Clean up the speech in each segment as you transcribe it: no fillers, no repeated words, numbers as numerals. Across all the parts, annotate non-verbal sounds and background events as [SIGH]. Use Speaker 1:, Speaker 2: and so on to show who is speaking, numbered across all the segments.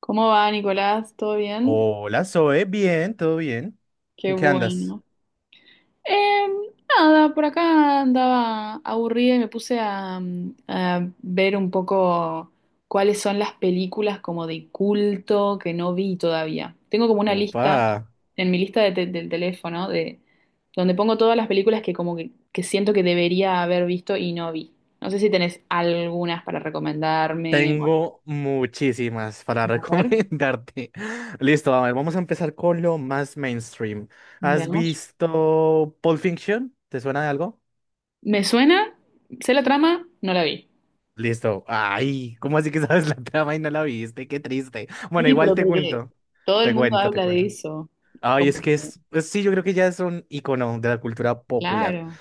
Speaker 1: ¿Cómo va, Nicolás? ¿Todo bien?
Speaker 2: Hola, Zoe, bien, todo bien.
Speaker 1: Qué
Speaker 2: ¿En qué andas?
Speaker 1: bueno. Em, nada, por acá andaba aburrida y me puse a a ver un poco cuáles son las películas como de culto que no vi todavía. Tengo como una
Speaker 2: Opa,
Speaker 1: lista en mi lista del teléfono de donde pongo todas las películas que que siento que debería haber visto y no vi. No sé si tenés algunas para recomendarme.
Speaker 2: tengo muchísimas para [LAUGHS]
Speaker 1: A ver,
Speaker 2: recomendarte. Listo, a ver, vamos a empezar con lo más mainstream. ¿Has
Speaker 1: veamos.
Speaker 2: visto Pulp Fiction? ¿Te suena de algo?
Speaker 1: ¿Me suena? ¿Sé la trama? No la vi.
Speaker 2: Listo. Ay, ¿cómo así que sabes la trama y no la viste? Qué triste. Bueno,
Speaker 1: Sí,
Speaker 2: igual
Speaker 1: pero
Speaker 2: te
Speaker 1: porque
Speaker 2: cuento.
Speaker 1: todo el
Speaker 2: Te
Speaker 1: mundo
Speaker 2: cuento, te
Speaker 1: habla
Speaker 2: cuento.
Speaker 1: de eso. Es
Speaker 2: Ay, es
Speaker 1: como,
Speaker 2: que es- sí, yo creo que ya es un icono de la cultura popular.
Speaker 1: claro.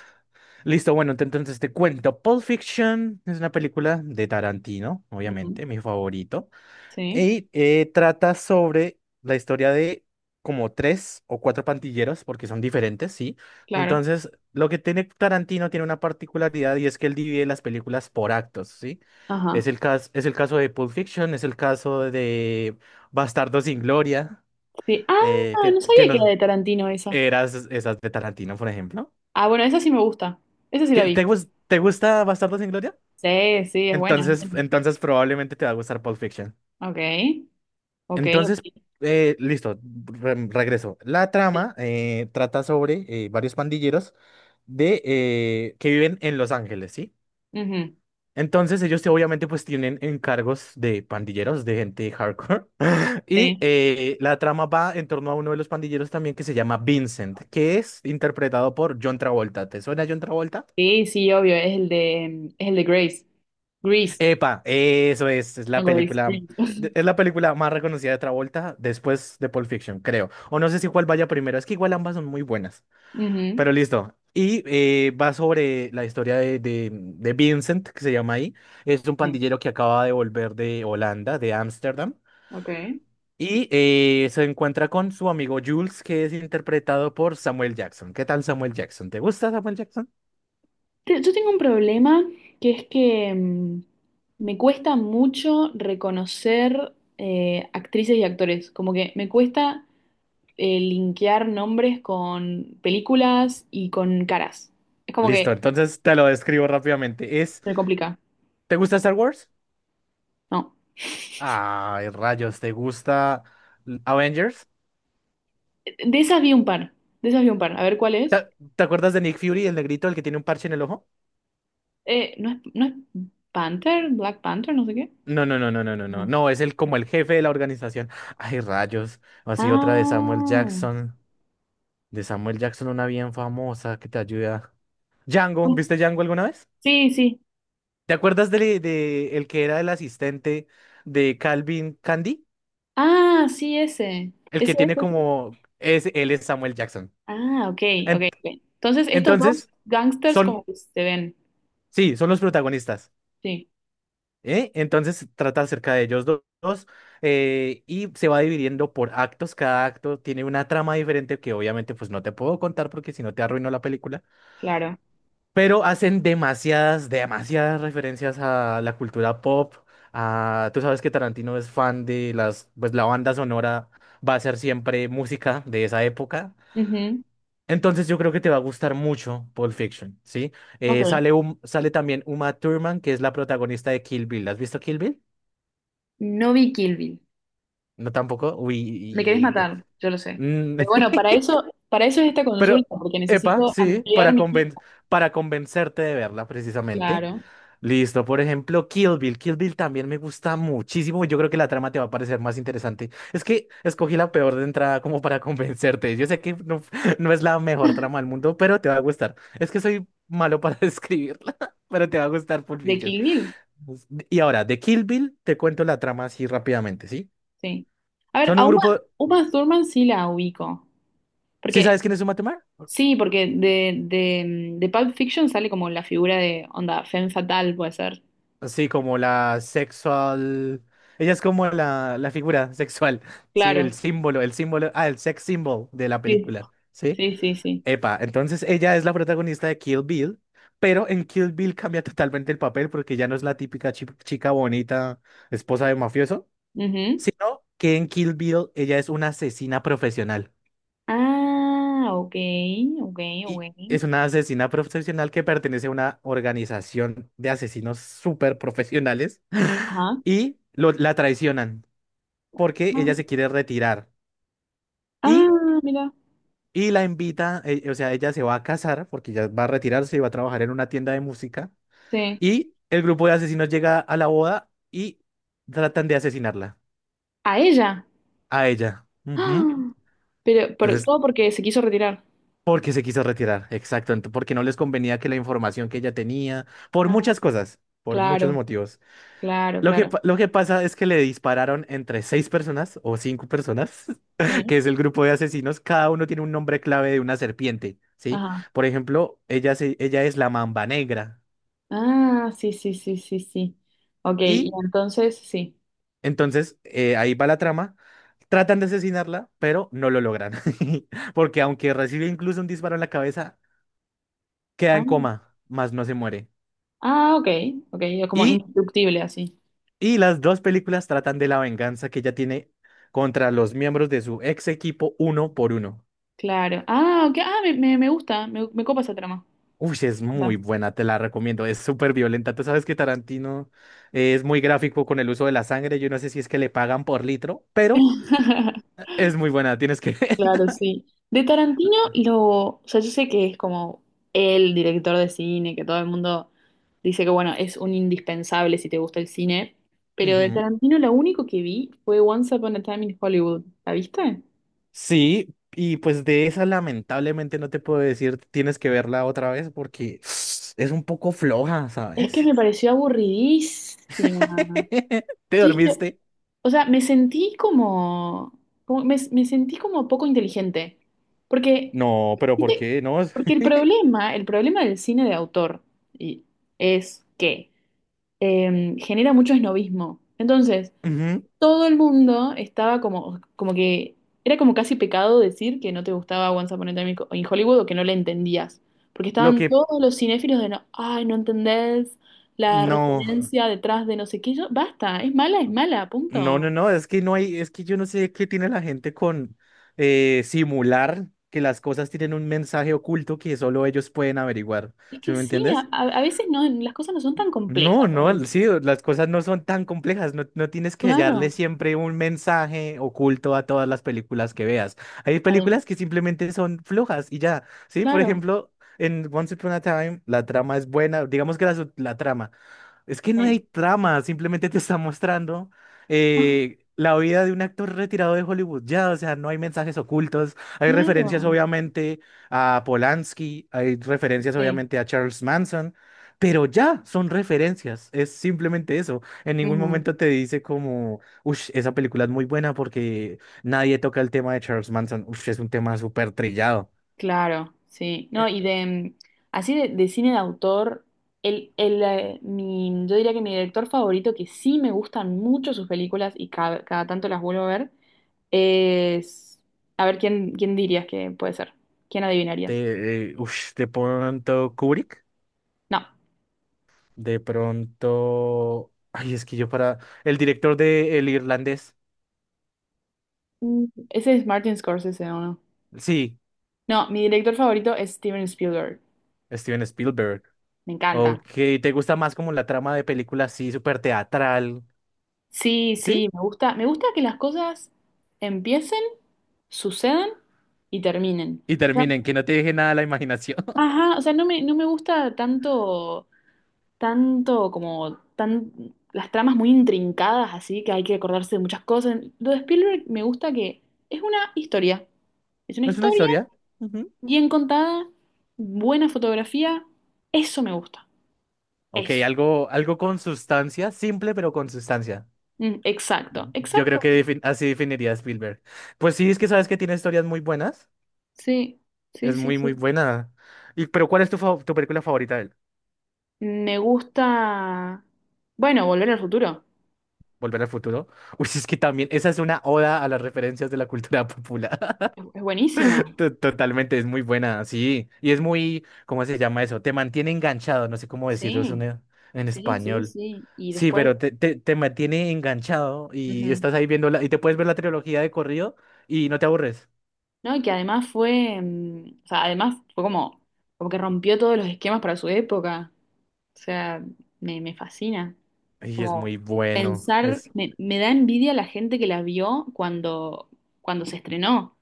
Speaker 2: Listo, bueno, entonces te cuento. Pulp Fiction es una película de Tarantino,
Speaker 1: Ujú.
Speaker 2: obviamente, mi favorito.
Speaker 1: Sí,
Speaker 2: Y trata sobre la historia de como tres o cuatro pandilleros, porque son diferentes, ¿sí?
Speaker 1: claro.
Speaker 2: Entonces, lo que tiene Tarantino tiene una particularidad y es que él divide las películas por actos, ¿sí?
Speaker 1: Ajá.
Speaker 2: Es el caso de Pulp Fiction, es el caso de Bastardos sin Gloria,
Speaker 1: Sí. Ah,
Speaker 2: eh, que,
Speaker 1: no sabía
Speaker 2: que
Speaker 1: que era
Speaker 2: no
Speaker 1: de Tarantino esa.
Speaker 2: eras esas de Tarantino, por ejemplo.
Speaker 1: Ah, bueno, esa sí me gusta. Esa sí la vi.
Speaker 2: ¿Te gusta Bastardos sin Gloria?
Speaker 1: Sí, sí, es buena, es
Speaker 2: Entonces,
Speaker 1: buena.
Speaker 2: entonces probablemente te va a gustar Pulp Fiction.
Speaker 1: Ok, ok,
Speaker 2: Entonces,
Speaker 1: ok.
Speaker 2: listo, regreso. La
Speaker 1: Sí.
Speaker 2: trama trata sobre varios pandilleros que viven en Los Ángeles, ¿sí?
Speaker 1: Ujú.
Speaker 2: Entonces obviamente pues tienen encargos de pandilleros, de gente hardcore. [LAUGHS] Y
Speaker 1: Sí.
Speaker 2: la trama va en torno a uno de los pandilleros también que se llama Vincent, que es interpretado por John Travolta. ¿Te suena John Travolta?
Speaker 1: Sí, sí, obvio, es es el de Grace. Grace,
Speaker 2: Epa, es
Speaker 1: no
Speaker 2: la
Speaker 1: Grace,
Speaker 2: película,
Speaker 1: Grace. [LAUGHS]
Speaker 2: es la película más reconocida de Travolta después de Pulp Fiction, creo. O no sé si cuál vaya primero, es que igual ambas son muy buenas.
Speaker 1: Ujú.
Speaker 2: Pero listo. Y va sobre la historia de Vincent, que se llama ahí. Es un
Speaker 1: Sí,
Speaker 2: pandillero que acaba de volver de Holanda, de Ámsterdam.
Speaker 1: ok.
Speaker 2: Y se encuentra con su amigo Jules, que es interpretado por Samuel Jackson. ¿Qué tal Samuel Jackson? ¿Te gusta Samuel Jackson?
Speaker 1: Yo tengo un problema que es que me cuesta mucho reconocer actrices y actores. Como que me cuesta linkear nombres con películas y con caras. Es como
Speaker 2: Listo,
Speaker 1: que
Speaker 2: entonces te lo describo rápidamente. Es,
Speaker 1: me complica.
Speaker 2: ¿te gusta Star Wars?
Speaker 1: No.
Speaker 2: Ay, rayos, ¿te gusta Avengers?
Speaker 1: De esas vi un par. De esas vi un par. A ver cuál es.
Speaker 2: ¿Te, te acuerdas de Nick Fury, el negrito, el que tiene un parche en el ojo?
Speaker 1: ¿No es Panther? ¿Black Panther? No sé qué.
Speaker 2: No, no, no, no, no, no, no.
Speaker 1: No.
Speaker 2: No, es el como el jefe de la organización. Ay, rayos. Así otra de Samuel
Speaker 1: Ah.
Speaker 2: Jackson. De Samuel Jackson, una bien famosa que te ayuda. Django, ¿viste Django alguna vez?
Speaker 1: Sí, sí.
Speaker 2: ¿Te acuerdas de el que era el asistente de Calvin Candy?
Speaker 1: Ah, sí, ese.
Speaker 2: El
Speaker 1: Ese
Speaker 2: que tiene
Speaker 1: es.
Speaker 2: como es Samuel Jackson.
Speaker 1: Ah, ok, ok,
Speaker 2: En-
Speaker 1: ok. Entonces, estos dos
Speaker 2: entonces,
Speaker 1: gangsters como
Speaker 2: son
Speaker 1: que se ven.
Speaker 2: sí, son los protagonistas.
Speaker 1: Sí,
Speaker 2: ¿Eh? Entonces trata acerca de ellos dos, y se va dividiendo por actos. Cada acto tiene una trama diferente que obviamente pues no te puedo contar porque si no te arruino la película.
Speaker 1: claro.
Speaker 2: Pero hacen demasiadas referencias a la cultura pop. A, tú sabes que Tarantino es fan de las, pues la banda sonora va a ser siempre música de esa época.
Speaker 1: Ujú,
Speaker 2: Entonces yo creo que te va a gustar mucho Pulp Fiction, ¿sí?
Speaker 1: Ok.
Speaker 2: Sale, sale también Uma Thurman, que es la protagonista de Kill Bill. ¿Has visto Kill Bill?
Speaker 1: No vi Kill Bill.
Speaker 2: No tampoco.
Speaker 1: Me querés
Speaker 2: Uy.
Speaker 1: matar, yo lo sé.
Speaker 2: mm,
Speaker 1: Pero bueno,
Speaker 2: [LAUGHS]
Speaker 1: para eso es esta
Speaker 2: Pero,
Speaker 1: consulta, porque
Speaker 2: epa,
Speaker 1: necesito
Speaker 2: sí,
Speaker 1: ampliar mi...
Speaker 2: para convencerte de verla precisamente.
Speaker 1: Claro,
Speaker 2: Listo, por ejemplo, Kill Bill. Kill Bill también me gusta muchísimo. Y yo creo que la trama te va a parecer más interesante. Es que escogí la peor de entrada como para [LAUGHS] convencerte. Yo sé que no, [LAUGHS] no es la mejor trama del mundo, pero te va a gustar. Es que soy malo para [LAUGHS] describirla, pero te va a gustar Pulp
Speaker 1: de
Speaker 2: Fiction.
Speaker 1: Kill Bill,
Speaker 2: Pues, y ahora, de Kill Bill, te cuento la trama así rápidamente, ¿sí?
Speaker 1: sí. A ver,
Speaker 2: Son un
Speaker 1: a Uma,
Speaker 2: grupo.
Speaker 1: Uma Thurman sí la ubico.
Speaker 2: ¿Sí
Speaker 1: Porque,
Speaker 2: sabes quién es Uma?
Speaker 1: sí, porque de Pulp Fiction sale como la figura de, onda, femme fatale puede ser.
Speaker 2: Sí, como la sexual. Ella es como la figura [LAUGHS] sexual, sí,
Speaker 1: Claro,
Speaker 2: el sex symbol de la
Speaker 1: sí,
Speaker 2: película, ¿sí?
Speaker 1: sí, sí, sí.
Speaker 2: Epa, entonces ella es la protagonista de Kill Bill, pero en Kill Bill cambia [LAUGHS] totalmente el papel porque ya no es la típica chica bonita, esposa de mafioso,
Speaker 1: Ujú.
Speaker 2: sino que en Kill Bill ella es una asesina profesional.
Speaker 1: Ah, ok, ok, ok.
Speaker 2: Y es una asesina profesional que pertenece a una organización de asesinos súper profesionales
Speaker 1: Ajá.
Speaker 2: y la traicionan, porque
Speaker 1: Ah,
Speaker 2: ella se quiere retirar. Y,
Speaker 1: ah, mira,
Speaker 2: y la invita, o sea, ella se va a casar porque ya va a retirarse y va a trabajar en una tienda de música.
Speaker 1: sí.
Speaker 2: Y el grupo de asesinos llega a la boda y tratan de asesinarla
Speaker 1: A ella.
Speaker 2: a ella. Ujú.
Speaker 1: ¡Ah! Pero
Speaker 2: Entonces,
Speaker 1: todo porque se quiso retirar.
Speaker 2: porque se quiso retirar, exacto, porque no les convenía que la información que ella tenía, por
Speaker 1: Ah,
Speaker 2: muchas cosas, por muchos
Speaker 1: claro,
Speaker 2: motivos.
Speaker 1: claro,
Speaker 2: Lo que,
Speaker 1: claro.
Speaker 2: lo que pasa es que le dispararon entre seis personas o cinco personas, [LAUGHS] que
Speaker 1: Sí.
Speaker 2: es el grupo de asesinos. Cada uno tiene un nombre clave de una serpiente, ¿sí?
Speaker 1: Ajá.
Speaker 2: Por ejemplo, ella es la mamba negra.
Speaker 1: Ah, sí, sí, sí, sí, sí. Ok, y
Speaker 2: Y
Speaker 1: entonces sí.
Speaker 2: entonces ahí va la trama. Tratan de asesinarla, pero no lo logran. [LAUGHS] Porque aunque recibe incluso un disparo en la cabeza, queda
Speaker 1: Ah,
Speaker 2: en coma, más no se muere.
Speaker 1: ah, ok, ok, como
Speaker 2: Y,
Speaker 1: indestructible así.
Speaker 2: y las dos películas tratan de la venganza que ella tiene contra los miembros de su ex equipo uno por uno.
Speaker 1: Claro. Ah, ok, ah, me gusta, me copa esa trama.
Speaker 2: Uy, sí, es
Speaker 1: Anda.
Speaker 2: muy buena, te la recomiendo. Es súper violenta. Tú sabes que Tarantino es muy gráfico con el uso de la sangre. Yo no sé si es que le pagan por litro, pero
Speaker 1: [LAUGHS]
Speaker 2: es muy buena. Tienes que.
Speaker 1: Claro,
Speaker 2: [LAUGHS]
Speaker 1: sí. De Tarantino, lo, o sea, yo sé que es como el director de cine, que todo el mundo dice que, bueno, es un indispensable si te gusta el cine, pero de
Speaker 2: Ujú.
Speaker 1: Tarantino lo único que vi fue Once Upon a Time in Hollywood. ¿La viste?
Speaker 2: Sí, y pues de esa lamentablemente no te puedo decir, tienes que verla otra vez porque [SNIFFS] es un poco floja,
Speaker 1: Es que
Speaker 2: ¿sabes?
Speaker 1: me pareció aburridísima.
Speaker 2: [LAUGHS] ¿Te
Speaker 1: Yo dije,
Speaker 2: dormiste?
Speaker 1: o sea, me sentí como, me, me sentí como poco inteligente. Porque,
Speaker 2: No, pero ¿por
Speaker 1: ¿viste?
Speaker 2: qué? No.
Speaker 1: Porque
Speaker 2: [LAUGHS]
Speaker 1: el problema del cine de autor y- es que genera mucho esnovismo. Entonces,
Speaker 2: Ujú.
Speaker 1: todo el mundo estaba como, como que era como casi pecado decir que no te gustaba Once Upon a Time in Hollywood o que no le entendías, porque
Speaker 2: Lo
Speaker 1: estaban
Speaker 2: que.
Speaker 1: todos los cinéfilos de no, ay, no entendés la
Speaker 2: No.
Speaker 1: referencia detrás de no sé qué, Yo, basta, es mala,
Speaker 2: No,
Speaker 1: punto.
Speaker 2: no, no, es que no hay, es que yo no sé qué tiene la gente con simular que las cosas tienen un mensaje oculto que solo ellos pueden averiguar.
Speaker 1: Es
Speaker 2: ¿Sí
Speaker 1: que
Speaker 2: me
Speaker 1: sí,
Speaker 2: entiendes?
Speaker 1: a veces no, las cosas no son tan
Speaker 2: No,
Speaker 1: complejas a
Speaker 2: no,
Speaker 1: veces.
Speaker 2: sí, las cosas no son tan complejas, no, no tienes que hallarle
Speaker 1: Claro,
Speaker 2: siempre un mensaje oculto a todas las películas que veas. Hay
Speaker 1: adem-
Speaker 2: películas que simplemente son flojas y ya, ¿sí? Por
Speaker 1: claro,
Speaker 2: ejemplo, en Once Upon a Time la trama es buena, digamos que la, la trama. Es que no hay
Speaker 1: sí.
Speaker 2: trama, simplemente te está mostrando
Speaker 1: Ah,
Speaker 2: la vida de un actor retirado de Hollywood. Ya, o sea, no hay mensajes ocultos. Hay referencias,
Speaker 1: claro,
Speaker 2: obviamente, a Polanski, hay referencias,
Speaker 1: sí.
Speaker 2: obviamente, a Charles Manson, pero ya son referencias. Es simplemente eso. En ningún
Speaker 1: Ujú.
Speaker 2: momento te dice como, uff, esa película es muy buena porque nadie toca el tema de Charles Manson. Uff, es un tema súper trillado.
Speaker 1: Claro, sí. No,
Speaker 2: Eh,
Speaker 1: y de así de cine de autor, yo diría que mi director favorito, que sí me gustan mucho sus películas y cada, cada tanto las vuelvo a ver, es... A ver, ¿quién, quién dirías que puede ser? ¿Quién
Speaker 2: Te,
Speaker 1: adivinarías?
Speaker 2: te pronto Kubrick.
Speaker 1: No.
Speaker 2: De pronto. Ay, es que yo para. El director de El Irlandés.
Speaker 1: Ese es Martin Scorsese, ¿o no?
Speaker 2: Sí,
Speaker 1: No, mi director favorito es Steven Spielberg.
Speaker 2: Steven Spielberg.
Speaker 1: Me
Speaker 2: Ok,
Speaker 1: encanta.
Speaker 2: ¿te gusta más como la trama de película así, súper teatral?
Speaker 1: Sí,
Speaker 2: ¿Sí?
Speaker 1: sí, me gusta. Me gusta que las cosas empiecen, sucedan y terminen.
Speaker 2: Y terminen, que no te deje nada a la imaginación. [LAUGHS]
Speaker 1: Ajá, o sea, no me, no me gusta tanto, tanto como tan, las tramas muy intrincadas, así que hay que acordarse de muchas cosas. Lo de Spielberg me gusta que es una historia. Es una
Speaker 2: Es una
Speaker 1: historia
Speaker 2: historia. Ujú.
Speaker 1: bien contada, buena fotografía. Eso me gusta.
Speaker 2: Ok,
Speaker 1: Eso.
Speaker 2: algo, algo con sustancia, simple pero con sustancia.
Speaker 1: Exacto,
Speaker 2: Yo creo
Speaker 1: exacto.
Speaker 2: que así definiría a Spielberg. Pues sí, es que sabes que tiene historias muy buenas.
Speaker 1: Sí, sí,
Speaker 2: Es
Speaker 1: sí,
Speaker 2: muy, muy
Speaker 1: sí.
Speaker 2: buena. Y, pero ¿cuál es tu, tu película favorita de él?
Speaker 1: Me gusta. Bueno, Volver al futuro.
Speaker 2: Volver al futuro. [LAUGHS] Uy, es que también, esa es una oda a las referencias de la cultura popular. [LAUGHS]
Speaker 1: Es buenísima.
Speaker 2: Totalmente, es muy buena, sí. Y es muy, ¿cómo se llama eso? Te mantiene enganchado, no sé cómo decirlo eso
Speaker 1: Sí,
Speaker 2: en
Speaker 1: sí, sí,
Speaker 2: español.
Speaker 1: sí. Y
Speaker 2: Sí,
Speaker 1: después.
Speaker 2: pero te mantiene enganchado y
Speaker 1: Ujú.
Speaker 2: estás ahí viendo la, y te puedes ver la trilogía de corrido y no te aburres.
Speaker 1: ¿No? Y que además fue, o sea, además fue como, como que rompió todos los esquemas para su época. O sea, me fascina.
Speaker 2: Y es
Speaker 1: Como
Speaker 2: muy bueno.
Speaker 1: pensar,
Speaker 2: Es,
Speaker 1: me da envidia la gente que la vio cuando, cuando se estrenó,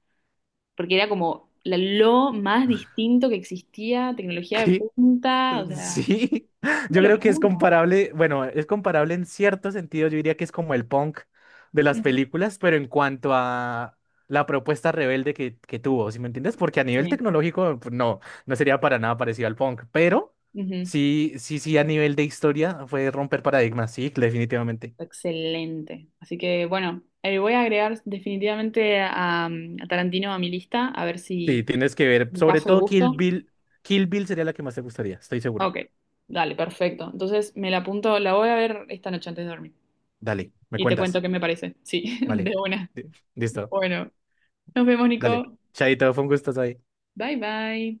Speaker 1: porque era como lo más distinto que existía, tecnología de
Speaker 2: [LAUGHS]
Speaker 1: punta, o sea,
Speaker 2: Sí, [LAUGHS]
Speaker 1: una
Speaker 2: yo creo que es
Speaker 1: locura.
Speaker 2: comparable, bueno, es comparable en cierto sentido, yo diría que es como el punk de las
Speaker 1: Mm,
Speaker 2: películas, pero en cuanto a la propuesta rebelde que tuvo, ¿sí me entiendes? Porque a nivel
Speaker 1: sí.
Speaker 2: tecnológico, pues, no, no sería para nada parecido al punk, pero sí, sí, sí, a nivel de historia fue romper paradigmas, sí, definitivamente.
Speaker 1: Excelente. Así que bueno, voy a agregar definitivamente a, a Tarantino a mi lista, a ver
Speaker 2: Sí,
Speaker 1: si
Speaker 2: tienes que ver,
Speaker 1: me
Speaker 2: sobre
Speaker 1: caso el
Speaker 2: todo Kill
Speaker 1: gusto.
Speaker 2: Bill, Kill Bill sería la que más te gustaría, estoy seguro.
Speaker 1: Ok, dale, perfecto. Entonces me la apunto, la voy a ver esta noche antes de dormir.
Speaker 2: Dale, me
Speaker 1: Y te cuento
Speaker 2: cuentas,
Speaker 1: qué me parece. Sí, [LAUGHS] de
Speaker 2: vale,
Speaker 1: una.
Speaker 2: listo,
Speaker 1: Bueno, nos vemos,
Speaker 2: dale,
Speaker 1: Nico.
Speaker 2: Chaito, fue un gusto ahí.
Speaker 1: Bye, bye.